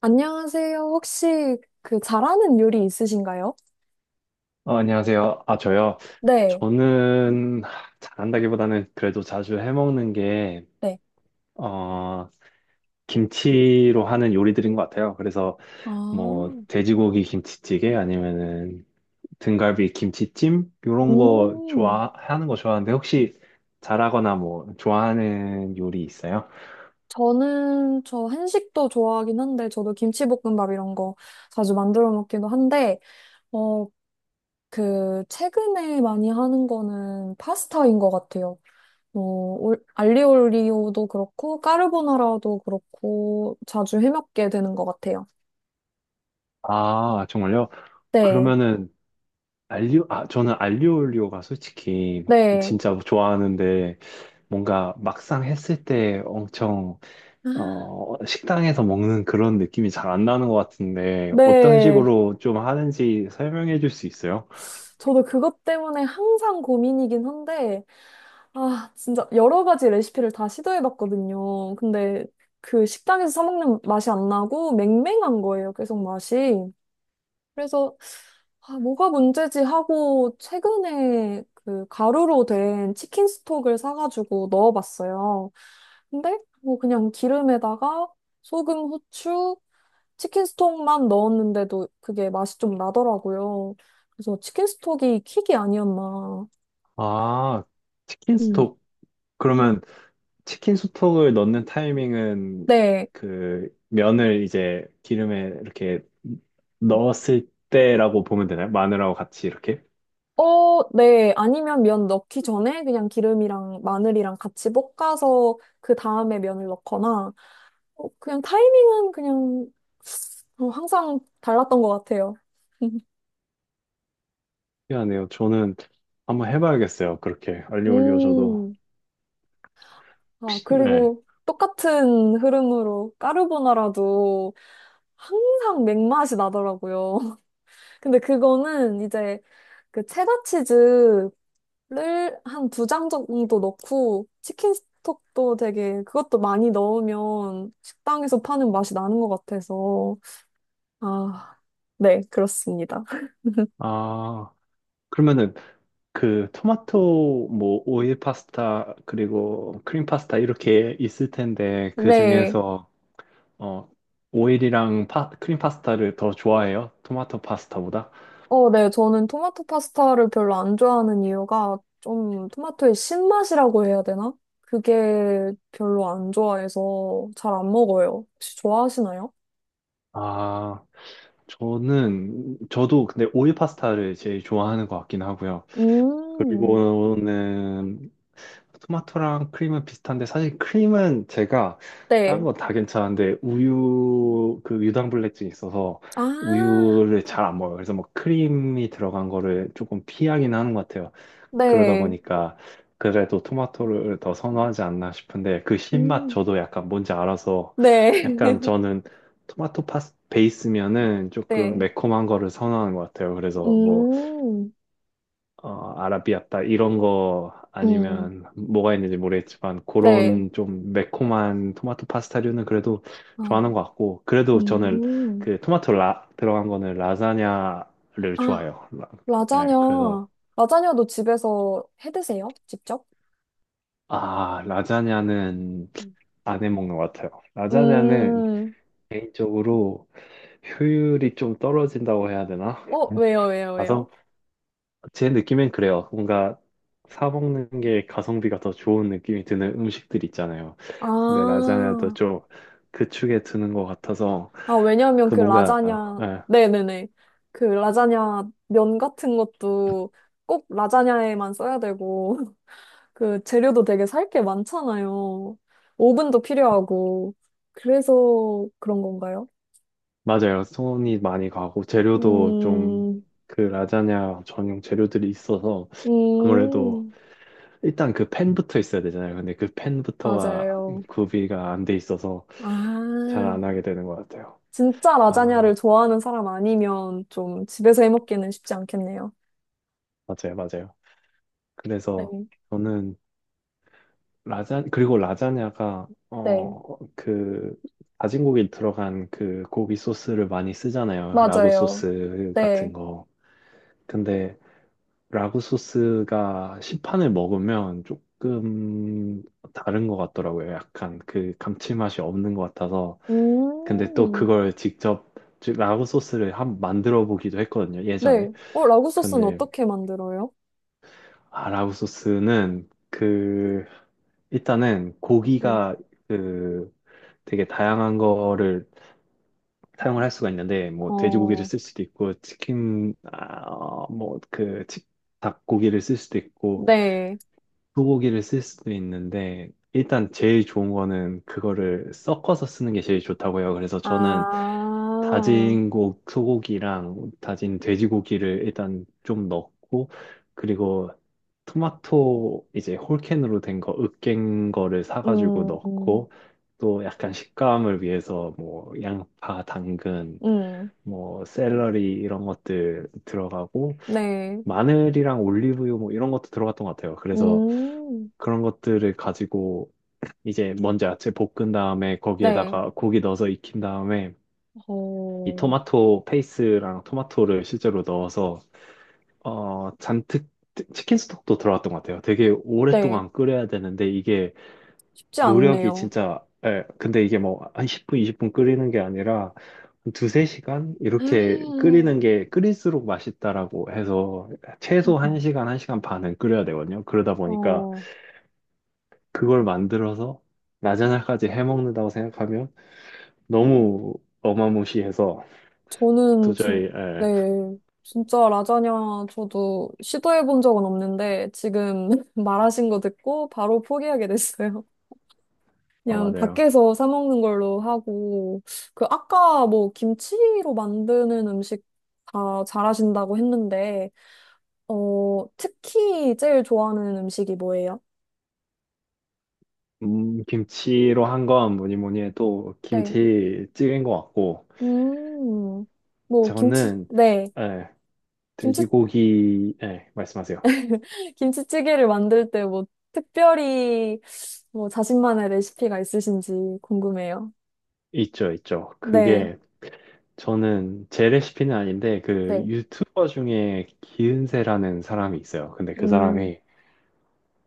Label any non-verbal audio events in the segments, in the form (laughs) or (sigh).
안녕하세요. 혹시 그 잘하는 요리 있으신가요? 안녕하세요. 아, 저요. 네, 저는 잘한다기보다는 그래도 자주 해먹는 게, 네. 어, 김치로 하는 요리들인 것 같아요. 그래서 아, 뭐, 돼지고기 김치찌개 아니면은 등갈비 김치찜? 요런 거 음. 좋아하는 거 좋아하는데 혹시 잘하거나 뭐, 좋아하는 요리 있어요? 저는 저 한식도 좋아하긴 한데 저도 김치볶음밥 이런 거 자주 만들어 먹기도 한데 어, 그 최근에 많이 하는 거는 파스타인 것 같아요. 알리올리오도 그렇고 까르보나라도 그렇고 자주 해먹게 되는 것 같아요. 아, 정말요? 네, 그러면은 저는 알리올리오가 솔직히 네. 진짜 좋아하는데 뭔가 막상 했을 때 엄청 아. 식당에서 먹는 그런 느낌이 잘 안 나는 것 같은데, 어떤 네. 식으로 좀 하는지 설명해 줄 수 있어요? 저도 그것 때문에 항상 고민이긴 한데, 아, 진짜 여러 가지 레시피를 다 시도해봤거든요. 근데 그 식당에서 사먹는 맛이 안 나고 맹맹한 거예요, 계속 맛이. 그래서, 아, 뭐가 문제지 하고 최근에 그 가루로 된 치킨 스톡을 사가지고 넣어봤어요. 근데 뭐 그냥 기름에다가 소금, 후추, 치킨 스톡만 넣었는데도 그게 맛이 좀 나더라고요. 그래서 치킨 스톡이 킥이 아니었나. 아, 치킨 음. 스톡. 그러면 치킨 스톡을 넣는 타이밍은 네. 그 면을 이제 기름에 이렇게 넣었을 때라고 보면 되나요? 마늘하고 같이 이렇게? 어, 네. 아니면 면 넣기 전에 그냥 기름이랑 마늘이랑 같이 볶아서 그 다음에 면을 넣거나, 그냥 타이밍은 그냥 항상 달랐던 것 같아요. (laughs) 미안해요. 저는 한번 해봐야겠어요. 그렇게. 알리오 올리오 저도. 음. 아, 네. 그리고 똑같은 흐름으로 까르보나라도 항상 맥맛이 나더라고요. 근데 그거는 이제 그 체다 치즈를 한 두 장 정도 넣고 치킨 스톡도 되게 그것도 많이 넣으면 식당에서 파는 맛이 나는 것 같아서 아, 네, 그렇습니다. 아, 그러면은 그 토마토 뭐 오일 파스타 그리고 크림 파스타 이렇게 있을 텐데 그 네. 중에서 어 크림 파스타를 더 좋아해요? 토마토 파스타보다? 어, 네. 저는 토마토 파스타를 별로 안 좋아하는 이유가 좀 토마토의 신맛이라고 해야 되나? 그게 별로 안 좋아해서 잘 안 먹어요. 혹시 좋아하시나요? 아, 저는 저도 근데 오일 파스타를 제일 좋아하는 것 같긴 하고요. 음, 그리고는 토마토랑 크림은 비슷한데 사실 크림은 제가 네. 딴 건 다 괜찮은데 우유 그 유당불내증이 있어서 아, 우유를 잘 안 먹어요. 그래서 뭐 크림이 들어간 거를 조금 피하긴 하는 것 같아요. 그러다 네. 보니까 그래도 토마토를 더 선호하지 않나 싶은데 그 신맛 음. 저도 약간 뭔지 알아서 네. 약간 (laughs) 저는 토마토 파스 베이스면은 조금 네. 매콤한 거를 선호하는 것 같아요. 그래서 뭐 음. 아라비아따 이런 거 음. 아니면 뭐가 있는지 모르겠지만 네. 그런 좀 매콤한 토마토 파스타류는 그래도 아, 좋아하는 것 같고 그래도 저는 음. 그 토마토 들어간 거는 라자냐를 아, 좋아해요. 네, 라자냐. 그래서 라자냐도 집에서 해 드세요? 직접? 아, 라자냐는 음. 안 해 먹는 것 같아요. 라자냐는 음. 개인적으로 효율이 좀 떨어진다고 해야 되나? 왜요, 왜요, 왜요? 가성 제 느낌엔 그래요. 뭔가 사 먹는 게 가성비가 더 좋은 느낌이 드는 음식들 있잖아요. 근데 아. 라자냐도 좀 그 축에 드는 것 같아서 아, 왜냐면 그 그 뭔가 라자냐. 예, 네네네. 그 라자냐 면 같은 것도 꼭 라자냐에만 써야 되고. 그 재료도 되게 살 게 많잖아요. 오븐도 필요하고. 그래서 그런 건가요? 맞아요. 손이 많이 가고 재료도 좀 음, 그 라자냐 전용 재료들이 있어서 아무래도 음, 일단 그 팬부터 있어야 되잖아요. 근데 그 팬부터가 맞아요. 구비가 안 돼 있어서 잘 아, 안 하게 되는 것 같아요. 진짜 아, 라자냐를 좋아하는 사람 아니면 좀 집에서 해먹기는 쉽지 않겠네요. 맞아요, 맞아요. 네, 그래서 저는 라자냐가 네, 어 그 다진 고기 들어간 그 고기 소스를 많이 쓰잖아요. 라구 맞아요. 소스 네. 같은 거. 근데 라구 소스가 시판을 먹으면 조금 다른 것 같더라고요. 약간 그 감칠맛이 없는 것 같아서. 근데 또 음, 그걸 직접 즉 라구 소스를 한 만들어 보기도 했거든요. 예전에. 네. 라구 소스는 근데 어떻게 만들어요? 아, 라구 소스는 그 일단은 네. 고기가 그 되게 다양한 거를 사용을 할 수가 있는데 뭐 돼지고기를 어, 쓸 수도 있고 치킨 아, 뭐그 닭고기를 쓸 수도 있고 네. 소고기를 쓸 수도 있는데 일단 제일 좋은 거는 그거를 섞어서 쓰는 게 제일 좋다고요. 그래서 저는 아, 다진 고 소고기랑 다진 돼지고기를 일단 좀 넣고 그리고 토마토 이제 홀캔으로 된 거 으깬 거를 사가지고 음, 넣고 또 약간 식감을 위해서 뭐 양파, 당근, 음. 뭐 샐러리 이런 것들 들어가고 네. 마늘이랑 올리브유 뭐 이런 것도 들어갔던 것 같아요. 그래서 음, 그런 것들을 가지고 이제 먼저 야채 볶은 다음에 네. 거기에다가 고기 넣어서 익힌 다음에 이 어, 토마토 페이스랑 토마토를 실제로 넣어서 잔뜩 킨 스톡도 들어갔던 것 같아요. 되게 네. 오랫동안 끓여야 되는데 이게 쉽지 노력이 않네요. 진짜 예, 근데 이게 뭐 한 10분, 20분 끓이는 게 아니라 한 두세 시간 이렇게 끓이는 음. 게 끓일수록 맛있다라고 해서 최소 음. 한시간한시간 반은 끓여야 되거든요. 그러다 보니까 어, 그걸 만들어서 라자냐까지 해먹는다고 생각하면 너무 어마무시해서 저는 진, 도저히 네. 예, 진짜 라자냐 저도 시도해 본 적은 없는데 지금 (laughs) 말하신 거 듣고 바로 포기하게 됐어요. (laughs) 그냥 맞아요. 밖에서 사 먹는 걸로 하고 그 아까 뭐 김치로 만드는 음식 다 잘하신다고 했는데 특히 제일 좋아하는 음식이 뭐예요? 김치로 한 건 뭐니 뭐니 해도 네. 김치찌개인 것 같고, 음, 뭐, 김치, 저는, 네. 예, 김치, 돼지고기, 예, 말씀하세요. 김치찌개를 만들 때 뭐, 특별히, 뭐, 자신만의 레시피가 있으신지 궁금해요. 있죠, 있죠. 네, 그게, 저는 제 레시피는 아닌데, 그 네, 유튜버 중에 기은세라는 사람이 있어요. 근데 그 음, 사람이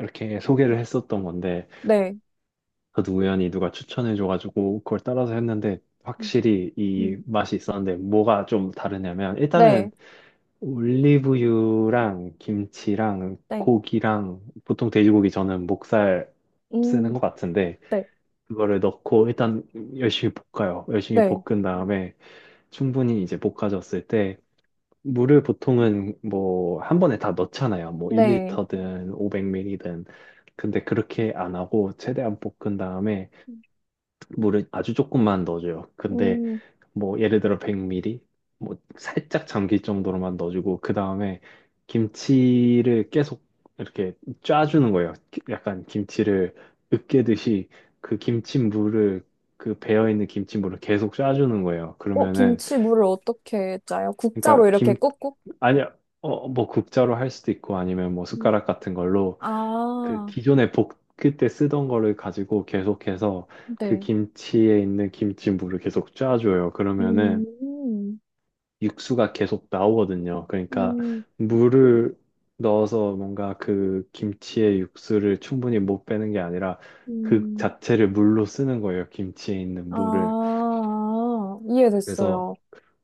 이렇게 소개를 했었던 건데, 네, 저도 우연히 누가 추천해줘가지고, 그걸 따라서 했는데, 확실히 이 음, 맛이 있었는데, 뭐가 좀 다르냐면, 네, 일단은 올리브유랑 김치랑 네, 고기랑 보통 돼지고기 저는 목살 쓰는 음, 것 같은데 네, 그거를 넣고 일단 열심히 볶아요. 열심히 네, 볶은 다음에 충분히 이제 볶아졌을 때 물을 보통은 뭐 한 번에 다 넣잖아요. 뭐 네, 1리터든 500ml든. 근데 그렇게 안 하고 최대한 볶은 다음에 물을 아주 조금만 넣어줘요. 근데 음, 뭐 예를 들어 100ml 뭐 살짝 잠길 정도로만 넣어주고 그 다음에 김치를 계속 이렇게 짜주는 거예요. 약간 김치를 으깨듯이 그 김치물을 그 배어 있는 김치물을 계속 짜주는 거예요. 그러면은 김치물을 어떻게 짜요? 국자로 그러니까 이렇게 김 꾹꾹? 아니 어뭐 국자로 할 수도 있고 아니면 뭐 음, 숟가락 같은 걸로 그 아, 기존에 볶을 때 쓰던 거를 가지고 계속해서 그 네, 김치에 있는 김치물을 계속 짜줘요. 그러면은 음, 육수가 계속 나오거든요. 그러니까 음, 물을 넣어서 뭔가 그 김치의 육수를 충분히 못 빼는 게 아니라 그 음, 자체를 물로 쓰는 거예요. 김치에 있는 물을. 아, 그래서 이해됐어요.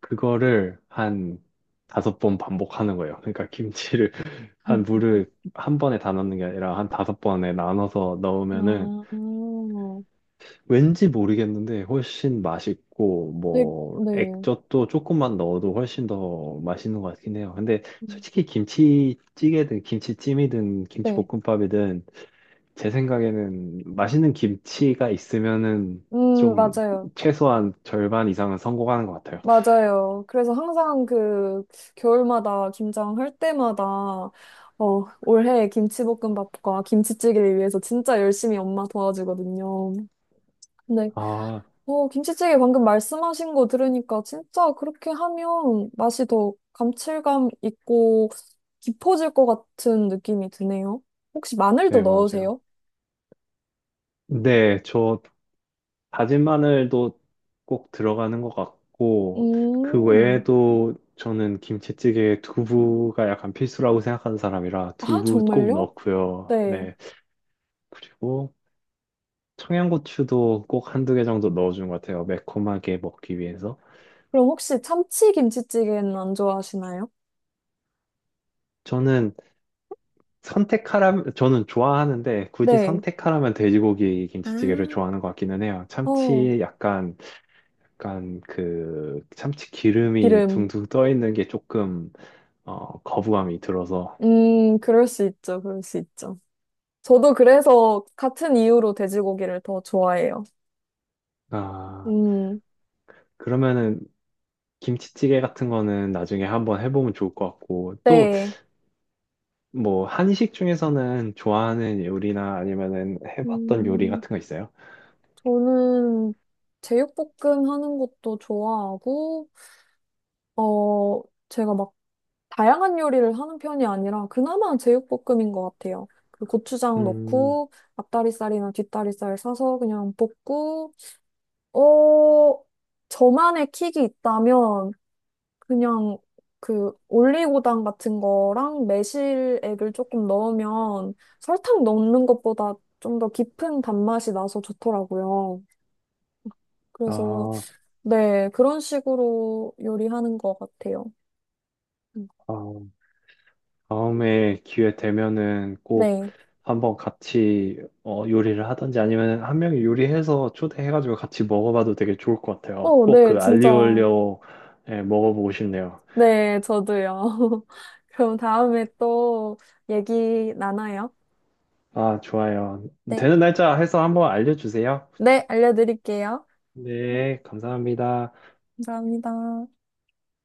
그거를 한 5번 반복하는 거예요. 그러니까 김치를 (laughs) 한 물을 한 번에 다 넣는 게 아니라 한 5번에 나눠서 넣으면은 아, 왠지 모르겠는데 훨씬 맛있고 네, 뭐 네. 액젓도 조금만 넣어도 훨씬 더 맛있는 것 같긴 해요. 근데 음, 솔직히 김치찌개든 김치찜이든 네. 김치볶음밥이든 제 생각에는 맛있는 김치가 있으면은 좀 맞아요. 최소한 절반 이상은 성공하는 것 같아요. 맞아요. 그래서 항상 그 겨울마다 김장할 때마다 올해 김치볶음밥과 김치찌개를 위해서 진짜 열심히 엄마 도와주거든요. 네, 아, 김치찌개 방금 말씀하신 거 들으니까 진짜 그렇게 하면 맛이 더 감칠감 있고 깊어질 것 같은 느낌이 드네요. 혹시 마늘도 네, 맞아요. 넣으세요? 네, 저 다진 마늘도 꼭 들어가는 것 같고, 그 음. 외에도 저는 김치찌개에 두부가 약간 필수라고 생각하는 사람이라 아, 두부 꼭 정말요? 넣고요. 네. 네. 그리고 청양고추도 꼭 1~2개 정도 넣어준 것 같아요. 매콤하게 먹기 위해서. 그럼 혹시 참치 김치찌개는 안 좋아하시나요? 저는 저는 좋아하는데 굳이 네. 선택하라면 돼지고기 아, 김치찌개를 좋아하는 것 같기는 해요. 어, 참치 약간, 약간 그 참치 기름이 기름. 둥둥 떠 있는 게 조금 어, 거부감이 들어서. 그럴 수 있죠. 그럴 수 있죠. 저도 그래서 같은 이유로 돼지고기를 더 좋아해요. 아, 음, 그러면은 김치찌개 같은 거는 나중에 한번 해보면 좋을 것 같고, 또 네. 뭐 한식 중에서는 좋아하는 요리나 아니면은 해봤던 요리 음, 같은 거 있어요? 저는 제육볶음 하는 것도 좋아하고, 어, 제가 막 다양한 요리를 하는 편이 아니라 그나마 제육볶음인 것 같아요. 그 고추장 음, 넣고 앞다리살이나 뒷다리살 사서 그냥 볶고 어, 저만의 킥이 있다면 그냥 그 올리고당 같은 거랑 매실액을 조금 넣으면 설탕 넣는 것보다 좀 더 깊은 단맛이 나서 좋더라고요. 그래서 아, 네, 그런 식으로 요리하는 것 같아요. 음. 어, 다음에 기회 되면은 꼭 네. 한번 같이 요리를 하든지 아니면 한 명이 요리해서 초대해가지고 같이 먹어봐도 되게 좋을 것 같아요. 어, 꼭 네, 그 진짜. 알리올리오에 먹어보고 싶네요. 네, 저도요. (laughs) 그럼 다음에 또 얘기 나눠요. 아, 좋아요. 네. 되는 날짜 해서 한번 알려주세요. 네, 알려드릴게요. 네, 감사합니다. 감사합니다.